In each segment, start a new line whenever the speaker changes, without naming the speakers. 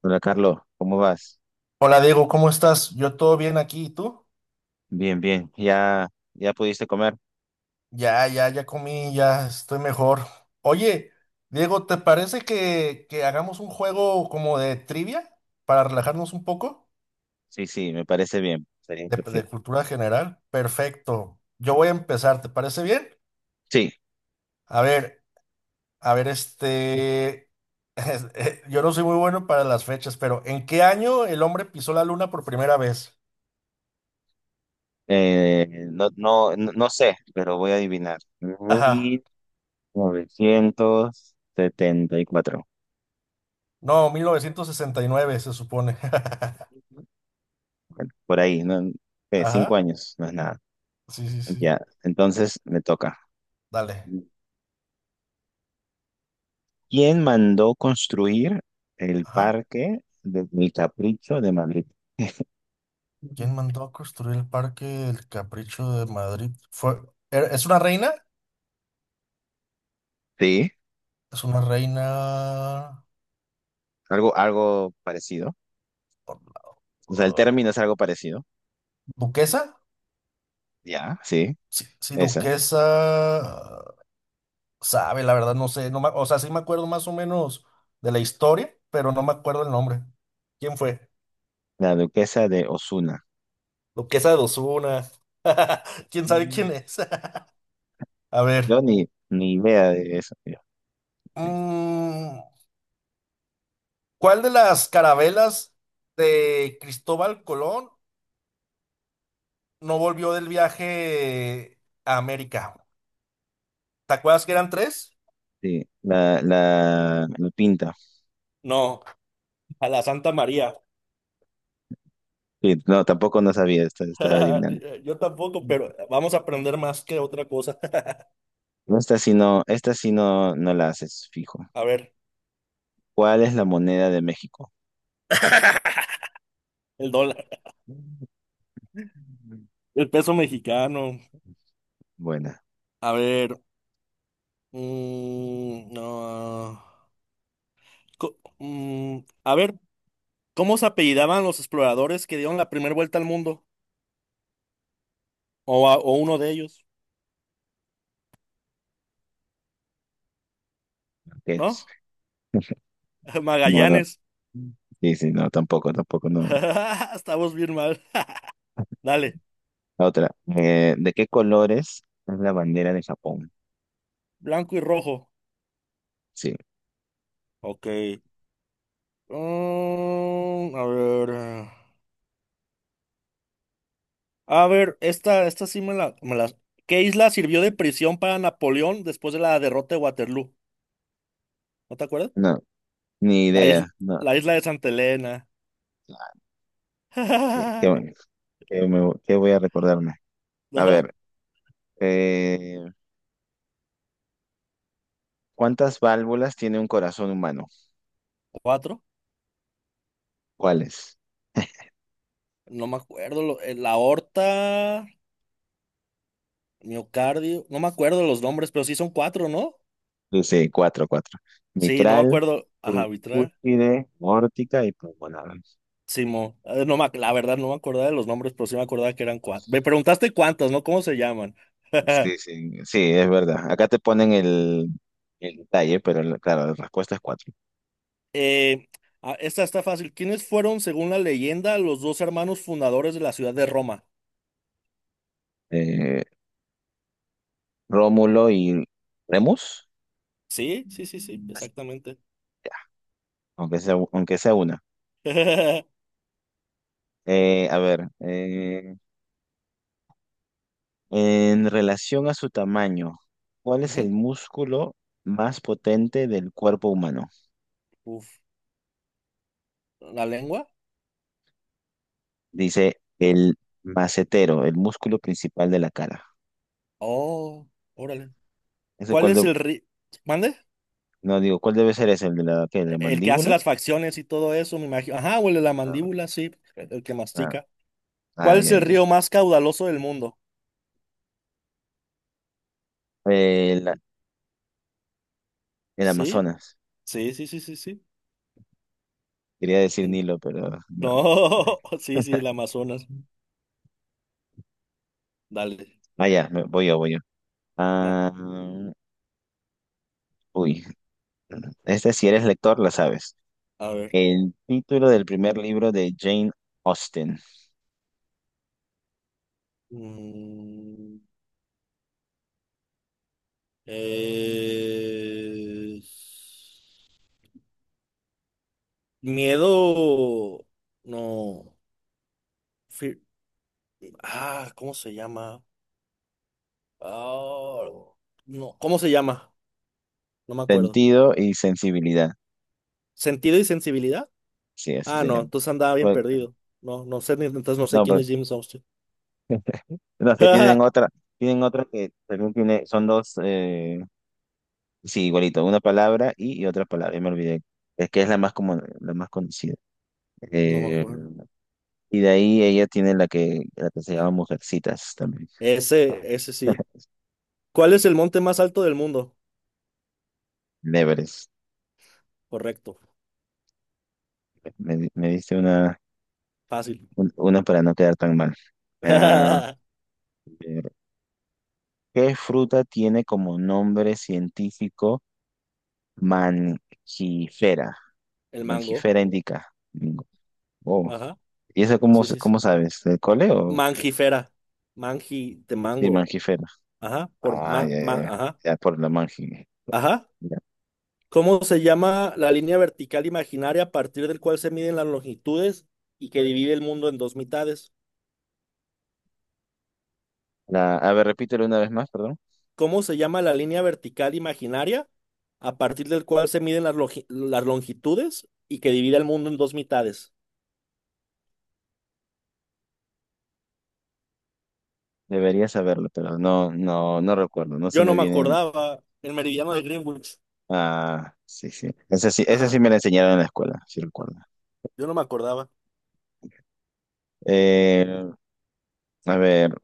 Hola Carlos, ¿cómo vas?
Hola Diego, ¿cómo estás? Yo todo bien aquí, ¿y tú?
Bien, bien. ¿Ya, ya pudiste comer?
Ya, ya, ya comí, ya estoy mejor. Oye, Diego, ¿te parece que hagamos un juego como de trivia para relajarnos un poco?
Sí, sí, me parece bien. Sería
De
perfecto.
cultura general. Perfecto. Yo voy a empezar, ¿te parece bien?
Sí,
A ver, a ver, es- Yo no soy muy bueno para las fechas, pero ¿en qué año el hombre pisó la luna por primera vez?
no, no sé, pero voy a adivinar.
Ajá.
1974.
No, 1969 se supone.
Bueno, por ahí, ¿no? ¿Qué? Cinco
Ajá.
años, no es nada.
Sí, sí, sí.
Ya, entonces me toca.
Dale.
¿Quién mandó construir el
Ajá.
parque del Capricho de Madrid?
¿Quién
Ujú.
mandó a construir el parque del Capricho de Madrid? ¿Es una reina?
Sí,
¿Es una reina
algo parecido. O sea, el
uh,
término es algo parecido.
duquesa?
Ya, sí,
Sí, sí,
esa.
duquesa. uh, Sabe, la verdad, no sé. No me- O sea, sí me acuerdo más o menos de la historia, pero no me acuerdo el nombre. ¿Quién fue?
La duquesa de Osuna.
Duquesa de Osuna. ¿Quién sabe
Mm,
quién es? A
Yo
ver.
ni idea de eso, tío.
mm, ¿Cuál de las carabelas de Cristóbal Colón no volvió del viaje a América? ¿Te acuerdas que eran tres?
Sí, la pinta.
No, a la Santa María.
Sí, no, tampoco no sabía, estaba adivinando.
Yo tampoco, pero vamos a aprender más que otra cosa.
No, esta sí no, esta sí no, no la haces, fijo.
A ver,
¿Cuál es la moneda de México?
el dólar, el peso mexicano.
Buena,
A ver, no, co- mm, a ver, ¿cómo se apellidaban los exploradores que dieron la primera vuelta al mundo? O uno de ellos, ¿no?
ok. No, no.
Magallanes.
Sí, sí, no, tampoco, tampoco, no.
Estamos bien mal. Dale,
La otra. ¿De qué colores es la bandera de Japón?
blanco y rojo.
Sí,
Ok. A ver. A ver, esta sí me la. ¿Qué isla sirvió de prisión para Napoleón después de la derrota de Waterloo? ¿No te acuerdas?
no, ni
La
idea,
isla,
no.
la isla de Santa Elena.
Ah, qué, qué bueno. ¿Qué voy a recordarme? A
¿No?
ver, eh, ¿cuántas válvulas tiene un corazón humano?
¿Cuatro?
¿Cuáles?
No me acuerdo. La aorta, miocardio. No me acuerdo los nombres, pero sí son cuatro, ¿no?
Dice cuatro, cuatro.
Sí, no me
Mitral,
acuerdo. Ajá, arbitrar.
tricúspide, aórtica y pulmonar.
Simo. No me ac- La verdad, no me acordaba de los nombres, pero sí me acordaba que eran cuatro. Me preguntaste cuántas, ¿no? ¿Cómo se llaman?
Sí, sí, sí, es verdad. Acá te ponen el detalle, claro, la respuesta es cuatro.
Eh, ah, esta está fácil. ¿Quiénes fueron, según la leyenda, los dos hermanos fundadores de la ciudad de Roma?
Eh, Rómulo y Remus.
Sí, sí, sí, sí,
Así,
exactamente.
ya, aunque sea una. A ver, en relación a su tamaño, ¿cuál es el
Ujú.
músculo más potente del cuerpo humano?
Uf, ¿la lengua?
Dice el macetero, el músculo principal de la cara.
Oh, órale.
¿Ese
¿Cuál
cuál
es
de-
el ri... ¿Mande?
no digo, ¿cuál debe ser ese? ¿El de la, qué, de la
El que hace
mandíbula?
las facciones y todo eso, me imagino. Ajá, huele la
No.
mandíbula, sí, el que
Ah,
mastica.
ah,
¿Cuál es
ya,
el
ya.
río más caudaloso del mundo?
El, el
Sí,
Amazonas.
sí, sí, sí, sí, sí.
Quería decir
En,
Nilo, pero no.
no, sí, sí, el Amazonas. Dale.
Ah, ya, voy yo, voy yo.
Ah,
Ah, uy, este si eres lector, la sabes.
a ver.
El título del primer libro de Jane Austen.
Mm. Eh, Miedo, no. Fear- ah, ¿cómo se llama? Ah, no, ¿cómo se llama? No me acuerdo.
Sentido y sensibilidad.
¿Sentido y sensibilidad?
Sí, así
Ah,
se
no,
llama.
entonces andaba bien
Pues,
perdido. No, no sé, entonces no sé
no,
quién
pero
es James Armstrong.
los que tienen otra que también tiene, son dos, sí, igualito, una palabra y otra palabra, ya me olvidé. Es que es la más común, la más conocida.
No me
Eh,
acuerdo.
y de ahí ella tiene la que se llama Mujercitas también.
Ese sí. ¿Cuál es el monte más alto del mundo?
Leveres.
Correcto,
Me diste una,
fácil.
una para no quedar tan mal. Ah, ¿qué fruta tiene como nombre científico mangifera?
El mango.
Mangifera indica. Oh.
Ajá, sí, sí, sí.
¿Cómo sabes? ¿Del cole o
Mangifera. Mangi de
sí,
mango.
mangifera?
Ajá,
Ah, ya, ya, ya.
ajá,
Ya, por la mangi,
ajá.
ya.
¿Cómo se llama la línea vertical imaginaria a partir del cual se miden las longitudes y que divide el mundo en dos mitades?
La, a ver, repítelo una vez más, perdón.
¿Cómo se llama la línea vertical imaginaria a partir del cual se miden las longitudes y que divide el mundo en dos mitades?
Debería saberlo, pero no, no, no recuerdo. No se
Yo no
me
me
vienen.
acordaba. El meridiano de Greenwich.
Ah, sí, sí. Esa sí, esa
Ajá,
sí me la enseñaron en la escuela, sí recuerdo.
yo no me acordaba.
Eh, a ver,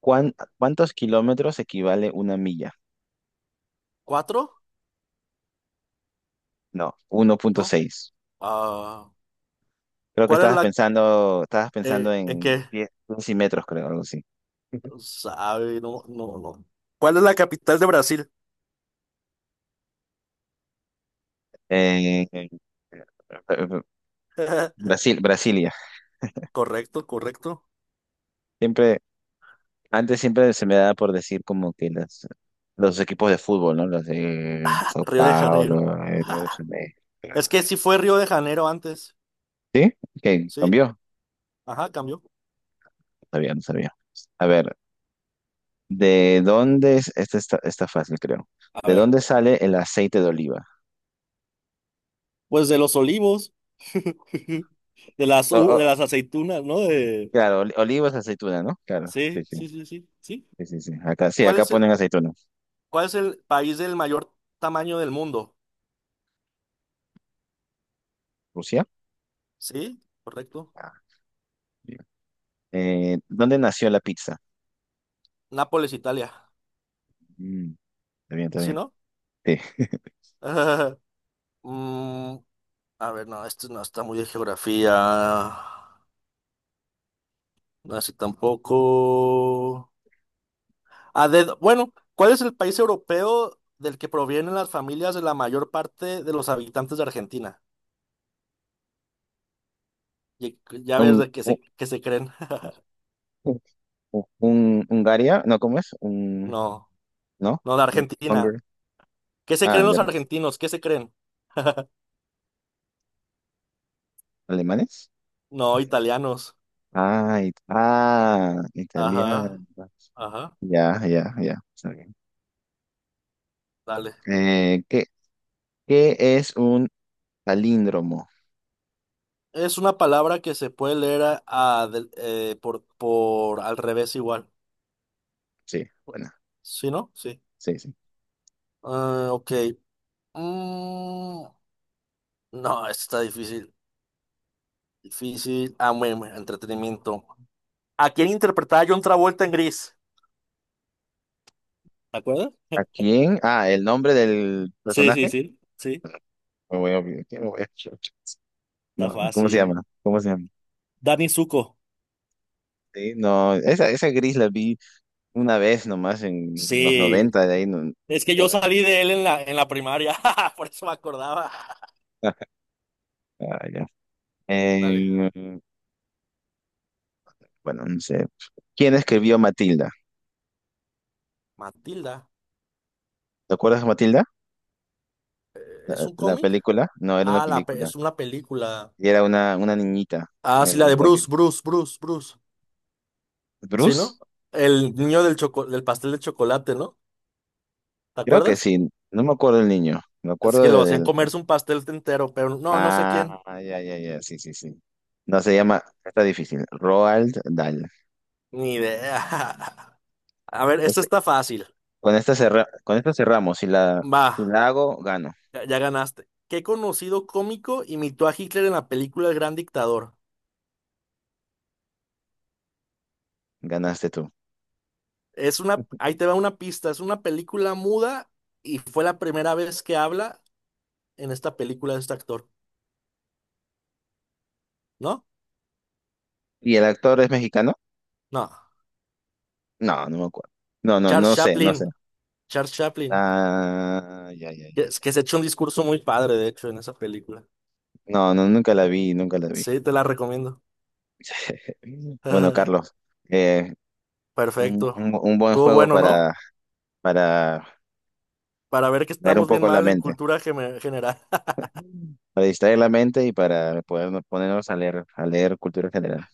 ¿cuán- ¿cuántos kilómetros equivale una milla?
¿Cuatro?
No, uno punto
¿No?
seis.
Ah,
Creo que
¿cuál es la...
estabas pensando
¿en
en
qué?
pies, pies y metros, creo, algo así.
Sabe, no, no, no. ¿Cuál es la capital de Brasil?
Eh, eh, eh, Brasil, Brasilia.
Correcto, correcto.
Siempre, antes siempre se me daba por decir como que las, los equipos de fútbol, ¿no? Los de Sao
Río de Janeiro.
Paulo, Río de Janeiro.
Es que sí fue Río de Janeiro antes,
¿Sí? Ok,
¿sí?
cambió.
Ajá, cambió.
No sabía, no sabía. A ver, ¿de dónde es? Esta está, está fácil, creo.
A
¿De
ver,
dónde sale el aceite de oliva?
pues de los olivos, de las,
O-
u- de
o-
las aceitunas, ¿no? De...
claro, oliva es aceituna, ¿no? Claro, sí,
Sí,
sí.
sí, sí, sí, sí.
Sí, sí, sí. Acá, sí,
¿Cuál
acá
es
ponen
el,
aceituna.
cuál es el país del mayor tamaño del mundo?
¿Rusia?
¿Sí? Correcto.
Ah, bien. ¿Dónde nació la pizza?
Nápoles, Italia.
Mm. Está bien, está
¿Sí,
bien.
no?
Sí.
Mm, a ver, no, esto no está muy de geografía. No, así tampoco. A dedo. Bueno, ¿cuál es el país europeo del que provienen las familias de la mayor parte de los habitantes de Argentina? Y- Ya ves
Un,
de qué
un,
qué se creen.
Hungaria, no, ¿cómo es? Un,
No,
¿no?
no, de
Un,
Argentina.
Hunger-
¿Qué se
ah,
creen los
de-
argentinos? ¿Qué se creen?
Alemanes.
No, italianos.
Ah,
Ajá,
italiano.
ajá,
Ya, ya, ya. Está bien.
dale.
Eh, ¿qué, ¿Qué es un palíndromo?
Es una palabra que se puede leer por al revés igual.
Sí, bueno,
¿Sí, no? Sí.
sí, sí.
Ah, ok. Mm, no, esto está difícil. Difícil. Ah, bueno, entretenimiento. ¿A quién interpretaba John Travolta en Gris? ¿Te acuerdas?
¿A quién? Ah, el nombre del
Sí, sí,
personaje.
sí, sí,
Me voy a olvidar, ¿qué me voy a-
está
No, no, ¿cómo se
fácil.
llama? ¿Cómo se llama?
Danny Zuko,
Sí, no, esa gris la vi. Una vez nomás en los
sí.
90 de ahí no,
Es que
ya
yo
no la
salí
viste.
de él en la primaria, por eso me acordaba.
Ah, ya.
Dale.
Eh, bueno, no sé. ¿Quién escribió Matilda?
Matilda.
¿Te acuerdas de Matilda?
¿Es
¿La,
un
la
cómic?
película? No, era una
Ah,
película.
es una película.
Y era una niñita.
Ah,
Una
sí, la de
niñita que...
Bruce, Bruce, Bruce, Bruce. ¿Sí,
¿Bruce?
no? El niño del pastel de chocolate, ¿no? ¿Te
Creo que
acuerdas?
sí. No me acuerdo del niño. Me
Es
acuerdo
que lo
de,
hacían
del...
comerse un pastel entero, pero no, no sé quién.
Ah, ya, ya, ya. Sí, sí, sí. No, se llama... Está difícil. Roald Dahl.
Ni idea. A ver, esto
Este,
está fácil.
con esta cerramos. Si la, si
Va.
la hago, gano.
Ya, ya ganaste. ¿Qué conocido cómico imitó a Hitler en la película El Gran Dictador?
Ganaste tú.
Es una, ahí te va una pista, es una película muda y fue la primera vez que habla en esta película de este actor, ¿no?
¿Y el actor es mexicano?
No,
No, no me acuerdo. No, no,
Charles
no sé, no sé.
Chaplin, Charles Chaplin,
Ah, ya, ya,
que,
ya.
que se echó un discurso muy padre, de hecho, en esa película.
No, no, nunca la vi, nunca la vi.
Sí, te la recomiendo.
Bueno, Carlos, eh,
Perfecto.
un buen
Estuvo
juego
bueno, ¿no?
para
Para ver que
leer un
estamos bien
poco la
mal en
mente,
cultura general.
para distraer la mente y para poder ponernos a leer cultura general.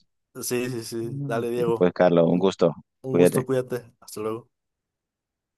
Sí, sí, sí.
Mm.
Dale,
Y pues,
Diego.
Carlos, un
un
gusto.
un
Cuídate.
gusto, cuídate. Hasta luego.